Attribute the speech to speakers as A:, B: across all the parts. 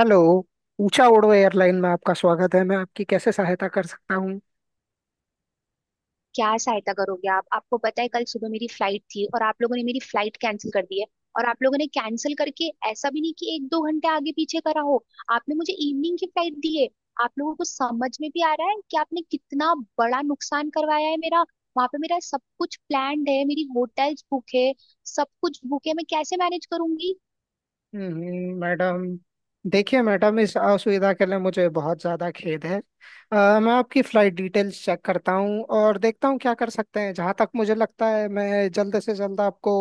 A: Hello. ऊंचा उड़ो airline में आपका स्वागत है। मैं आपकी कैसे सहायता कर सकता हूँ।
B: क्या सहायता करोगे आप। आपको पता है कल सुबह मेरी फ्लाइट थी और आप लोगों ने मेरी फ्लाइट कैंसिल कर दी है। और आप लोगों ने कैंसिल करके ऐसा भी नहीं कि एक दो घंटे आगे पीछे करा हो। आपने मुझे इवनिंग की फ्लाइट दी है। आप लोगों को समझ में भी आ रहा है कि आपने कितना बड़ा नुकसान करवाया है मेरा? वहां पे मेरा सब कुछ प्लान्ड है, मेरी होटल्स बुक है, सब कुछ बुक है, मैं कैसे मैनेज करूंगी?
A: मैडम। देखिए मैडम, इस असुविधा के लिए मुझे बहुत ज़्यादा खेद है। मैं आपकी फ़्लाइट डिटेल्स चेक करता हूँ और देखता हूँ क्या कर सकते हैं। जहाँ तक मुझे लगता है, मैं जल्द से जल्द आपको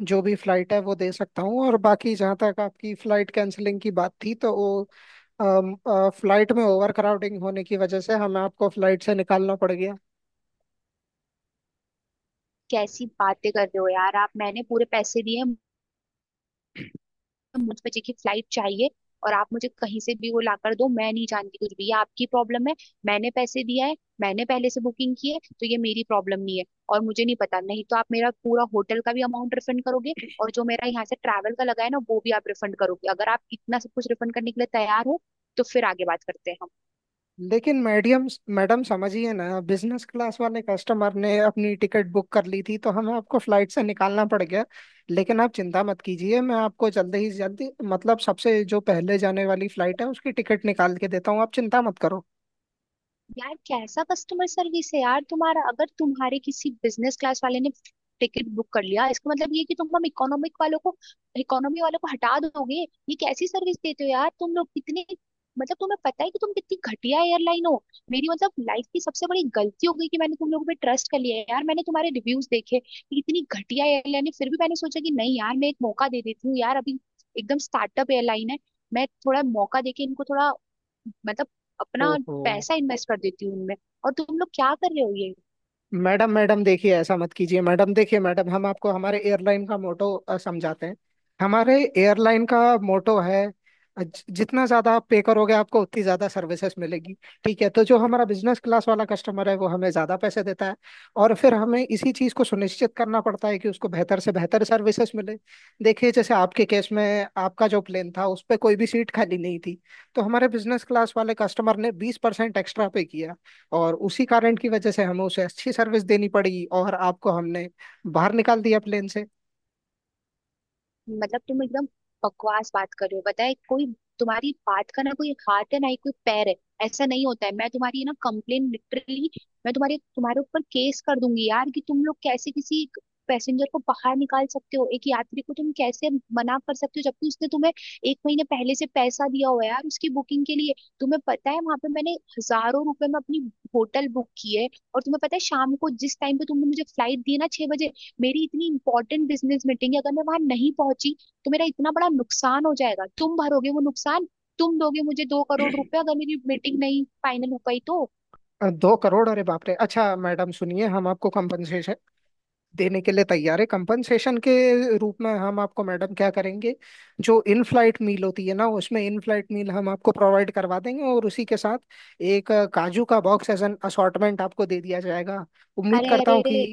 A: जो भी फ़्लाइट है वो दे सकता हूँ। और बाकी जहाँ तक आपकी फ़्लाइट कैंसिलिंग की बात थी, तो वो फ़्लाइट में ओवर क्राउडिंग होने की वजह से हमें आपको फ़्लाइट से निकालना पड़ गया।
B: कैसी बातें कर रहे हो यार आप, मैंने पूरे पैसे दिए हैं, तो मुझ बजे की फ्लाइट चाहिए। और आप मुझे कहीं से भी वो लाकर दो, मैं नहीं जानती कुछ भी, ये आपकी प्रॉब्लम है। मैंने पैसे दिया है, मैंने पहले से बुकिंग की है, तो ये मेरी प्रॉब्लम नहीं है। और मुझे नहीं पता, नहीं तो आप मेरा पूरा होटल का भी अमाउंट रिफंड करोगे और जो मेरा यहाँ से ट्रैवल का लगा है ना वो भी आप रिफंड करोगे। अगर आप इतना सब कुछ रिफंड करने के लिए तैयार हो तो फिर आगे बात करते हैं।
A: लेकिन मैडियम मैडम समझिए ना, बिजनेस क्लास वाले कस्टमर ने अपनी टिकट बुक कर ली थी तो हमें आपको फ्लाइट से निकालना पड़ गया। लेकिन आप चिंता मत कीजिए, मैं आपको जल्दी ही जल्दी मतलब सबसे जो पहले जाने वाली फ्लाइट है उसकी टिकट निकाल के देता हूँ। आप चिंता मत करो।
B: यार कैसा कस्टमर सर्विस है यार तुम्हारा, अगर तुम्हारे किसी बिजनेस क्लास वाले ने टिकट बुक कर लिया इसका मतलब ये है कि तुम हम इकोनॉमिक वालों को, इकोनॉमी वालों को हटा दोगे? ये कैसी सर्विस देते हो यार तुम लोग, कितने, मतलब तुम्हें पता है कि तुम कितनी घटिया एयरलाइन हो? मेरी मतलब लाइफ की सबसे बड़ी गलती हो गई कि मैंने तुम लोगों पे ट्रस्ट कर लिया है यार। मैंने तुम्हारे रिव्यूज देखे कि इतनी घटिया एयरलाइन है फिर भी मैंने सोचा कि नहीं यार मैं एक मौका दे देती हूँ यार। अभी एकदम स्टार्टअप एयरलाइन है, मैं थोड़ा मौका देके इनको थोड़ा, मतलब अपना
A: ओहो।
B: पैसा इन्वेस्ट कर देती हूँ उनमें, और तुम लोग क्या कर रहे हो ये?
A: मैडम मैडम देखिए, ऐसा मत कीजिए मैडम। देखिए मैडम, हम आपको हमारे एयरलाइन का मोटो समझाते हैं। हमारे एयरलाइन का मोटो है, जितना ज्यादा आप पे करोगे आपको उतनी ज्यादा सर्विसेज मिलेगी। ठीक है, तो जो हमारा बिजनेस क्लास वाला कस्टमर है वो हमें ज्यादा पैसे देता है और फिर हमें इसी चीज को सुनिश्चित करना पड़ता है कि उसको बेहतर से बेहतर सर्विसेज मिले। देखिए, जैसे आपके केस में आपका जो प्लेन था उस पर कोई भी सीट खाली नहीं थी तो हमारे बिजनेस क्लास वाले कस्टमर ने 20% एक्स्ट्रा पे किया और उसी कारण की वजह से हमें उसे अच्छी सर्विस देनी पड़ी और आपको हमने बाहर निकाल दिया प्लेन से।
B: मतलब तुम एकदम बकवास बात कर रहे हो, बताए कोई। तुम्हारी बात का ना कोई हाथ है ना ही कोई पैर है, ऐसा नहीं होता है। मैं तुम्हारी ना कंप्लेन, लिटरली मैं तुम्हारे तुम्हारे ऊपर केस कर दूंगी यार। कि तुम लोग कैसे किसी पैसेंजर को बाहर निकाल सकते हो, एक यात्री को तुम कैसे मना कर सकते हो जबकि उसने तुम्हें एक महीने पहले से पैसा दिया हुआ है यार उसकी बुकिंग के लिए। तुम्हें पता है वहां पे मैंने हजारों रुपए में अपनी होटल बुक की है। और तुम्हें पता है शाम को जिस टाइम पे तुमने मुझे फ्लाइट दी है ना, 6 बजे, मेरी इतनी इंपॉर्टेंट बिजनेस मीटिंग है। अगर मैं वहां नहीं पहुंची तो मेरा इतना बड़ा नुकसान हो जाएगा, तुम भरोगे वो नुकसान? तुम दोगे मुझे 2 करोड़ रुपए अगर मेरी मीटिंग नहीं फाइनल हो पाई तो?
A: 2 करोड़? अरे बाप रे! अच्छा मैडम सुनिए, हम आपको कंपनसेशन देने के लिए तैयार है। कंपनसेशन के रूप में हम आपको मैडम क्या करेंगे, जो इन फ्लाइट मील होती है ना, उसमें इन फ्लाइट मील हम आपको प्रोवाइड करवा देंगे। और उसी के साथ एक काजू का बॉक्स एज एन असॉर्टमेंट आपको दे दिया जाएगा। उम्मीद
B: अरे
A: करता
B: अरे
A: हूँ
B: अरे,
A: कि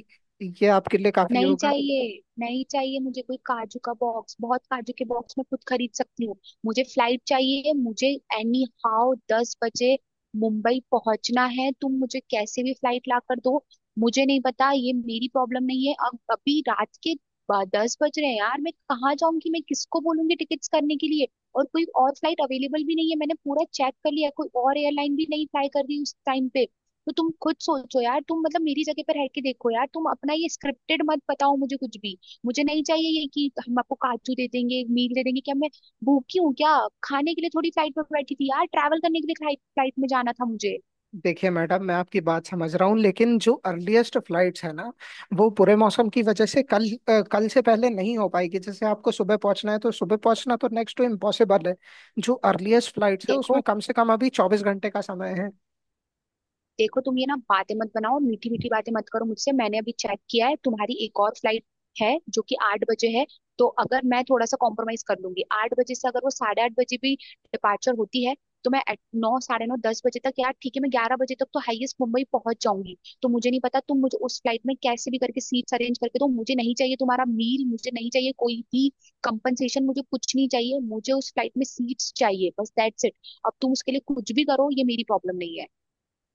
A: ये आपके लिए काफी
B: नहीं
A: होगा।
B: चाहिए नहीं चाहिए मुझे कोई काजू का बॉक्स, बहुत काजू के बॉक्स मैं खुद खरीद सकती हूँ। मुझे फ्लाइट चाहिए, मुझे एनी हाउ 10 बजे मुंबई पहुंचना है। तुम मुझे कैसे भी फ्लाइट ला कर दो, मुझे नहीं पता, ये मेरी प्रॉब्लम नहीं है। अब अभी रात के 10 बज रहे हैं यार, मैं कहाँ जाऊंगी, मैं किसको बोलूंगी टिकट्स करने के लिए? और कोई और फ्लाइट अवेलेबल भी नहीं है, मैंने पूरा चेक कर लिया, कोई और एयरलाइन भी नहीं फ्लाई कर रही उस टाइम पे। तो तुम खुद सोचो यार, तुम मतलब मेरी जगह पर रह के देखो यार, तुम अपना ये स्क्रिप्टेड मत बताओ मुझे कुछ भी। मुझे नहीं चाहिए ये कि हम आपको काजू दे देंगे, मील दे देंगे, क्या मैं भूखी हूँ क्या? खाने के लिए थोड़ी फ्लाइट में बैठी थी यार, ट्रैवल करने के लिए फ्लाइट में जाना था मुझे।
A: देखिए मैडम, मैं आपकी बात समझ रहा हूँ लेकिन जो अर्लीस्ट फ्लाइट्स है ना, वो पूरे मौसम की वजह से कल से पहले नहीं हो पाएगी। जैसे आपको सुबह पहुंचना है, तो सुबह पहुंचना तो नेक्स्ट टू इम्पॉसिबल है। जो अर्लीस्ट फ्लाइट्स है उसमें
B: देखो,
A: कम से कम अभी 24 घंटे का समय है।
B: देखो तुम ये ना, बातें मत बनाओ, मीठी मीठी बातें मत करो मुझसे। मैंने अभी चेक किया है तुम्हारी एक और फ्लाइट है जो कि 8 बजे है। तो अगर मैं थोड़ा सा कॉम्प्रोमाइज कर लूंगी 8 बजे से, अगर वो 8:30 बजे भी डिपार्चर होती है, तो मैं at नौ साढ़े नौ दस बजे तक, यार ठीक है, मैं 11 बजे तक तो हाईएस्ट मुंबई पहुंच जाऊंगी। तो मुझे नहीं पता, तुम मुझे उस फ्लाइट में कैसे भी करके सीट्स अरेंज करके दो। मुझे नहीं चाहिए तुम्हारा मील, मुझे नहीं चाहिए कोई भी कंपनसेशन, मुझे कुछ नहीं चाहिए, मुझे उस फ्लाइट में सीट्स चाहिए बस दैट्स इट। अब तुम उसके लिए कुछ भी करो, ये मेरी प्रॉब्लम नहीं है।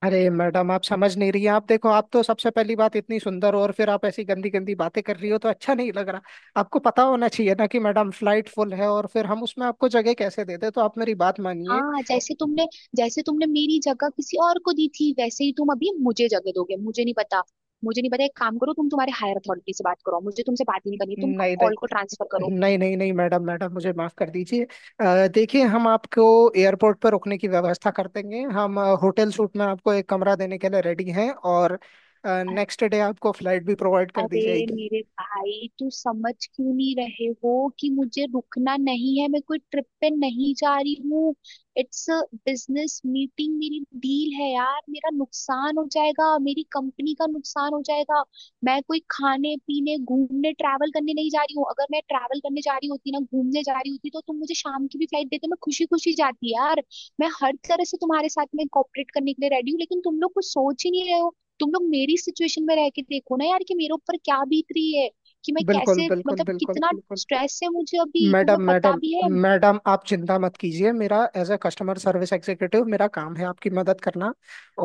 A: अरे मैडम, आप समझ नहीं रही हैं। आप देखो, आप तो सबसे पहली बात इतनी सुंदर हो और फिर आप ऐसी गंदी गंदी बातें कर रही हो तो अच्छा नहीं लग रहा। आपको पता होना चाहिए ना कि मैडम फ्लाइट फुल है और फिर हम उसमें आपको जगह कैसे देते। तो आप मेरी बात मानिए।
B: हाँ जैसे तुमने मेरी जगह किसी और को दी थी, वैसे ही तुम अभी मुझे जगह दोगे, मुझे नहीं पता। मुझे नहीं पता, एक काम करो, तुम तुम्हारे हायर अथॉरिटी से बात करो, मुझे तुमसे बात ही नहीं करनी, तुम
A: नहीं नहीं
B: कॉल को ट्रांसफर करो।
A: नहीं नहीं नहीं, मैडम मैडम, मुझे माफ कर दीजिए। देखिए, हम आपको एयरपोर्ट पर रुकने की व्यवस्था कर देंगे। हम होटल सूट में आपको एक कमरा देने के लिए रेडी हैं और नेक्स्ट डे आपको फ्लाइट भी प्रोवाइड कर दी
B: अरे
A: जाएगी।
B: मेरे भाई तू समझ क्यों नहीं रहे हो कि मुझे रुकना नहीं है, मैं कोई ट्रिप पे नहीं जा रही हूँ। इट्स अ बिजनेस मीटिंग, मेरी डील है यार, मेरा नुकसान हो जाएगा, मेरी कंपनी का नुकसान हो जाएगा। मैं कोई खाने पीने घूमने ट्रैवल करने नहीं जा रही हूँ। अगर मैं ट्रैवल करने जा रही होती ना, घूमने जा रही होती, तो तुम मुझे शाम की भी फ्लाइट देते, मैं खुशी खुशी जाती यार। मैं हर तरह से तुम्हारे साथ में कॉपरेट करने के लिए रेडी हूँ, लेकिन तुम लोग कुछ सोच ही नहीं रहे हो। तुम लोग मेरी सिचुएशन में रह के देखो ना यार कि मेरे ऊपर क्या बीत रही है, कि मैं
A: बिल्कुल
B: कैसे,
A: बिल्कुल
B: मतलब
A: बिल्कुल
B: कितना
A: बिल्कुल।
B: स्ट्रेस है मुझे अभी
A: मैडम
B: तुम्हें पता
A: मैडम
B: भी है?
A: मैडम, आप चिंता मत कीजिए। मेरा as a customer service executive मेरा काम है आपकी मदद करना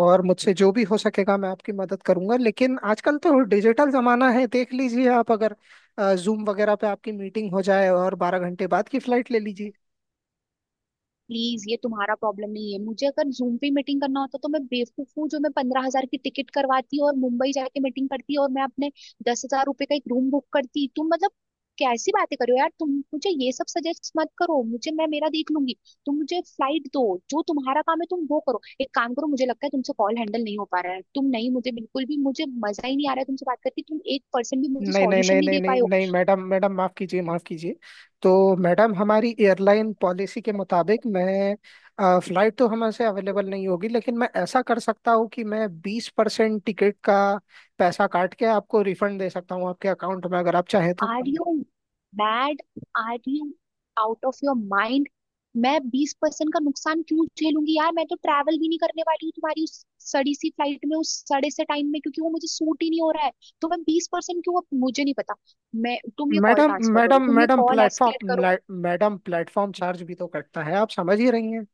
A: और मुझसे जो भी हो सकेगा मैं आपकी मदद करूंगा। लेकिन आजकल तो डिजिटल जमाना है, देख लीजिए आप, अगर जूम वगैरह पे आपकी मीटिंग हो जाए और 12 घंटे बाद की फ्लाइट ले लीजिए।
B: प्लीज ये तुम्हारा प्रॉब्लम नहीं है। मुझे अगर जूम पे मीटिंग करना होता तो मैं बेवकूफ हूँ जो मैं 15,000 की टिकट करवाती और मुंबई जाके मीटिंग करती और मैं अपने 10,000 रुपए का एक रूम बुक करती? तुम मतलब कैसी बातें कर रहे हो यार, तुम मुझे ये सब सजेस्ट मत करो, मुझे, मैं मेरा देख लूंगी। तुम मुझे फ्लाइट दो जो तुम्हारा काम है तुम वो करो। एक काम करो, मुझे लगता है तुमसे कॉल हैंडल नहीं हो पा रहा है, तुम नहीं, मुझे बिल्कुल भी, मुझे मजा ही नहीं आ रहा है तुमसे बात करके, तुम 1% भी मुझे
A: नहीं नहीं
B: सॉल्यूशन
A: नहीं
B: नहीं
A: नहीं
B: दे
A: नहीं
B: पाए हो।
A: नहीं, मैडम मैडम, माफ़ कीजिए माफ़ कीजिए। तो मैडम, हमारी एयरलाइन पॉलिसी के मुताबिक मैं फ़्लाइट तो हमसे अवेलेबल नहीं होगी लेकिन मैं ऐसा कर सकता हूँ कि मैं 20% टिकट का पैसा काट के आपको रिफंड दे सकता हूँ आपके अकाउंट में, अगर आप चाहें तो।
B: Are you mad? Are you out of your mind? मैं 20% का नुकसान क्यों झेलूंगी यार, मैं तो ट्रैवल भी नहीं करने वाली हूँ तुम्हारी उस सड़ी सी फ्लाइट में उस सड़े से टाइम में, क्योंकि वो मुझे सूट ही नहीं हो रहा है। तो मैं 20% क्यों? मुझे नहीं पता, मैं, तुम ये कॉल
A: मैडम
B: ट्रांसफर करो,
A: मैडम
B: तुम ये
A: मैडम
B: कॉल एस्केलेट
A: प्लेटफॉर्म,
B: करो।
A: मैडम प्लेटफॉर्म चार्ज भी तो कटता है, आप समझ ही रही हैं।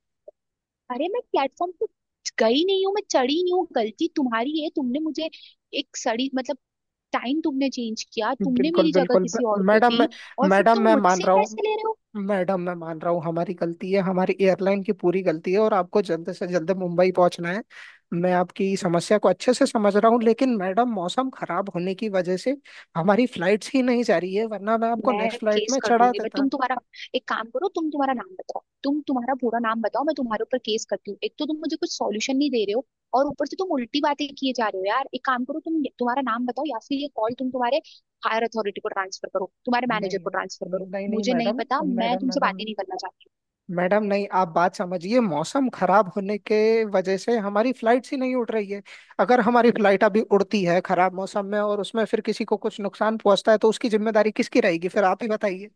B: अरे मैं प्लेटफॉर्म पे गई नहीं हूँ, मैं चढ़ी नहीं हूँ, गलती तुम्हारी है, तुमने मुझे एक सड़ी मतलब, टाइम तुमने चेंज किया, तुमने
A: बिल्कुल
B: मेरी जगह
A: बिल्कुल ब-
B: किसी और को
A: मैडम मैं
B: दी, और फिर
A: मैडम
B: तुम
A: मैं मान
B: मुझसे
A: रहा हूँ,
B: पैसे ले रहे हो?
A: मैडम मैं मान रहा हूँ हमारी गलती है, हमारी एयरलाइन की पूरी गलती है और आपको जल्द से जल्द मुंबई पहुंचना है। मैं आपकी समस्या को अच्छे से समझ रहा हूँ लेकिन मैडम, मौसम खराब होने की वजह से हमारी फ्लाइट्स ही नहीं जा रही है, वरना मैं आपको
B: मैं
A: नेक्स्ट फ्लाइट
B: केस
A: में
B: कर
A: चढ़ा
B: दूंगी। बट
A: देता।
B: तुम तुम्हारा एक काम करो, तुम्हारा नाम बताओ, तुम्हारा पूरा नाम बताओ, मैं तुम्हारे ऊपर केस करती हूँ। एक तो तुम मुझे कुछ सॉल्यूशन नहीं दे रहे हो, और ऊपर से तुम उल्टी बातें किए जा रहे हो यार। एक काम करो, तुम्हारा नाम बताओ, या फिर ये कॉल तुम्हारे हायर अथॉरिटी को ट्रांसफर करो, तुम्हारे
A: नहीं
B: मैनेजर
A: नहीं
B: को ट्रांसफर करो,
A: नहीं नहीं,
B: मुझे नहीं
A: मैडम
B: पता, मैं
A: मैडम
B: तुमसे बात
A: मैडम
B: ही नहीं करना चाहती।
A: मैडम, नहीं, आप बात समझिए, मौसम खराब होने के वजह से हमारी फ्लाइट्स ही नहीं उड़ रही है। अगर हमारी फ्लाइट अभी उड़ती है खराब मौसम में और उसमें फिर किसी को कुछ नुकसान पहुंचता है, तो उसकी जिम्मेदारी किसकी रहेगी, फिर आप ही बताइए।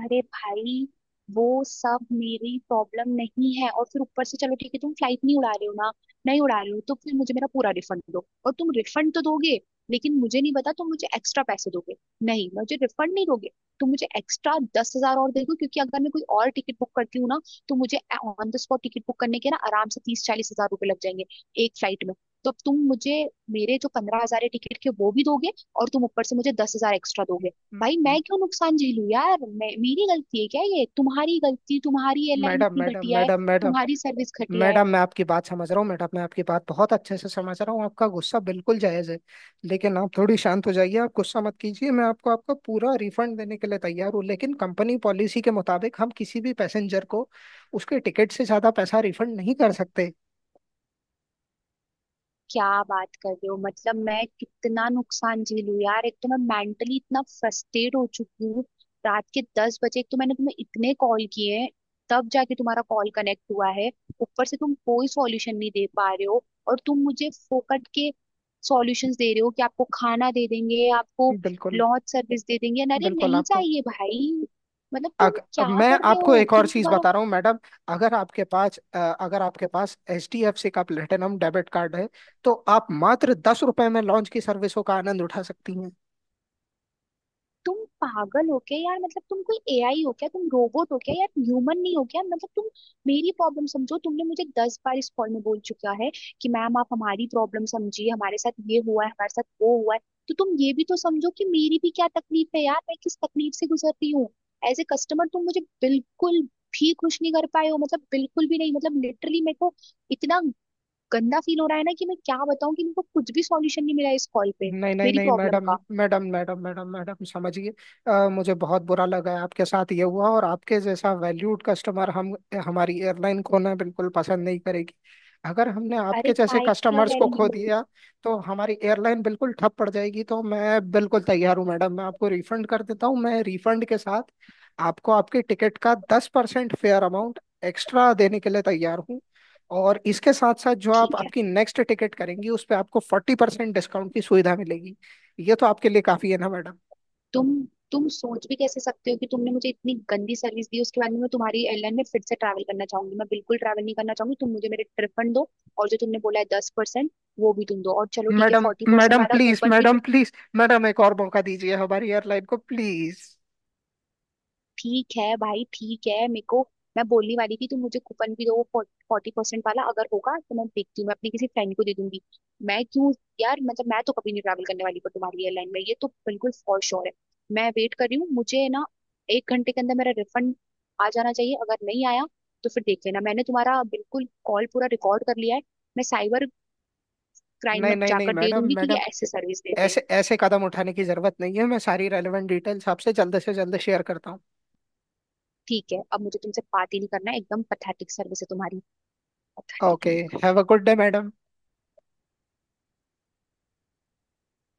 B: अरे भाई वो सब मेरी प्रॉब्लम नहीं है, और फिर ऊपर से चलो ठीक है, तुम फ्लाइट नहीं उड़ा रहे हो ना, नहीं उड़ा रहे हो तो फिर मुझे मेरा पूरा रिफंड दो। और तुम रिफंड तो दोगे, लेकिन मुझे नहीं पता, तुम मुझे एक्स्ट्रा पैसे दोगे नहीं, मुझे रिफंड नहीं दोगे? तुम मुझे एक्स्ट्रा 10,000 और दे दो, क्योंकि अगर मैं कोई और टिकट बुक करती हूँ ना तो मुझे on the spot ticket book करने के ना आराम से 30-40 हजार रुपए लग जाएंगे एक फ्लाइट में। तो अब तुम मुझे मेरे जो 15,000 टिकट के वो भी दोगे और तुम ऊपर से मुझे 10,000 एक्स्ट्रा दोगे।
A: म-
B: भाई
A: म-
B: मैं क्यों नुकसान झेलूं यार, मैं, मेरी गलती है क्या? ये तुम्हारी गलती, तुम्हारी एयरलाइन
A: मैडम
B: इतनी
A: मैडम
B: घटिया है,
A: मैडम मैडम
B: तुम्हारी सर्विस घटिया है।
A: मैडम, मैं आपकी बात समझ रहा हूँ। मैडम मैं आपकी बात बहुत अच्छे से समझ रहा हूँ, आपका गुस्सा बिल्कुल जायज़ है लेकिन आप थोड़ी शांत हो जाइए, आप गुस्सा मत कीजिए। मैं आपको आपका पूरा रिफंड देने के लिए तैयार हूँ लेकिन कंपनी पॉलिसी के मुताबिक हम किसी भी पैसेंजर को उसके टिकट से ज़्यादा पैसा रिफंड नहीं कर सकते।
B: क्या बात कर रहे हो, मतलब मैं कितना नुकसान झेलू यार? एक तो मैं मेंटली इतना फ्रस्ट्रेट हो चुकी हूँ, रात के 10 बजे, एक तो मैंने तुम्हें इतने कॉल किए हैं तब जाके तुम्हारा कॉल कनेक्ट हुआ है। ऊपर से तुम कोई सॉल्यूशन नहीं दे पा रहे हो, और तुम मुझे फोकट के सॉल्यूशंस दे रहे हो कि आपको खाना दे देंगे, आपको
A: बिल्कुल
B: लॉन्च सर्विस दे देंगे, अरे
A: बिल्कुल।
B: नहीं
A: आपको
B: चाहिए भाई, मतलब तुम
A: अब
B: क्या
A: मैं
B: कर रहे
A: आपको
B: हो?
A: एक और
B: तुम
A: चीज़
B: तुम्हारा,
A: बता रहा हूँ मैडम। अगर आपके पास HDFC का प्लेटिनम डेबिट कार्ड है, तो आप मात्र 10 रुपए में लॉन्च की सर्विसों का आनंद उठा सकती।
B: तुम पागल हो क्या यार? मतलब तुम कोई एआई हो क्या, तुम रोबोट हो क्या यार, ह्यूमन नहीं हो क्या? मतलब तुम मेरी प्रॉब्लम समझो। तुमने मुझे 10 बार इस कॉल में बोल चुका है कि मैम आप हमारी प्रॉब्लम समझिए, हमारे साथ ये हुआ है, हमारे साथ वो हुआ है, तो तुम ये भी तो समझो कि मेरी भी क्या तकलीफ है यार, मैं किस तकलीफ से गुजर रही हूँ। एज ए कस्टमर तुम मुझे बिल्कुल भी खुश नहीं कर पाए हो, मतलब बिल्कुल भी नहीं, मतलब लिटरली मेरे को इतना गंदा फील हो रहा है ना कि मैं क्या बताऊं, कि मेरे को कुछ भी सॉल्यूशन नहीं मिला इस कॉल पे,
A: नहीं नहीं
B: मेरी
A: नहीं,
B: प्रॉब्लम
A: मैडम
B: का।
A: मैडम मैडम मैडम, मैडम समझिए। मुझे बहुत बुरा लगा है आपके साथ ये हुआ और आपके जैसा वैल्यूड कस्टमर हम हमारी एयरलाइन खोना बिल्कुल पसंद नहीं करेगी। अगर हमने आपके
B: अरे
A: जैसे
B: काय क्या
A: कस्टमर्स को खो
B: वैल्यू?
A: दिया तो हमारी एयरलाइन बिल्कुल ठप पड़ जाएगी। तो मैं बिल्कुल तैयार हूँ मैडम, मैं आपको रिफंड कर देता हूँ। मैं रिफंड के साथ आपको आपकी टिकट का 10% फेयर अमाउंट एक्स्ट्रा देने के लिए तैयार हूँ और इसके साथ साथ जो आप
B: ठीक है,
A: आपकी नेक्स्ट टिकट करेंगी उस पे आपको 40% डिस्काउंट की सुविधा मिलेगी। ये तो आपके लिए काफी है ना मैडम।
B: तुम तुम सोच भी कैसे सकते हो कि तुमने मुझे इतनी गंदी सर्विस दी उसके बाद में मैं तुम्हारी एयरलाइन में फिर से ट्रैवल करना चाहूंगी? मैं बिल्कुल ट्रैवल नहीं करना चाहूंगी, तुम मुझे मेरे रिफंड दो। और जो तुमने बोला है 10% वो भी तुम दो, और चलो ठीक है
A: मैडम
B: 40%
A: मैडम
B: वाला
A: प्लीज,
B: कूपन भी।
A: मैडम प्लीज मैडम, एक और मौका दीजिए हमारी एयरलाइन को, प्लीज।
B: ठीक है भाई ठीक है मेरे को, मैं बोलने वाली थी तुम मुझे कूपन भी दो 40% वाला, अगर होगा तो मैं देखती हूँ, मैं अपनी किसी फ्रेंड को दे दूंगी। मैं क्यों यार, मतलब मैं तो कभी नहीं ट्रैवल करने वाली पर तुम्हारी एयरलाइन में, ये तो बिल्कुल फॉर श्योर है। मैं वेट कर रही हूँ, मुझे ना 1 घंटे के अंदर मेरा रिफंड आ जाना चाहिए, अगर नहीं आया तो फिर देख लेना, मैंने तुम्हारा बिल्कुल कॉल पूरा रिकॉर्ड कर लिया है, मैं साइबर क्राइम में
A: नहीं नहीं नहीं,
B: जाकर दे
A: मैडम
B: दूंगी कि
A: मैडम,
B: ये ऐसे सर्विस देते हैं।
A: ऐसे ऐसे कदम उठाने की जरूरत नहीं है। मैं सारी रेलेवेंट डिटेल्स आपसे जल्द से जल्द शेयर करता हूँ।
B: ठीक है अब मुझे तुमसे बात ही नहीं करना है, एकदम पथेटिक सर्विस है तुम्हारी,
A: okay.
B: Pathetic.
A: Have a good day madam.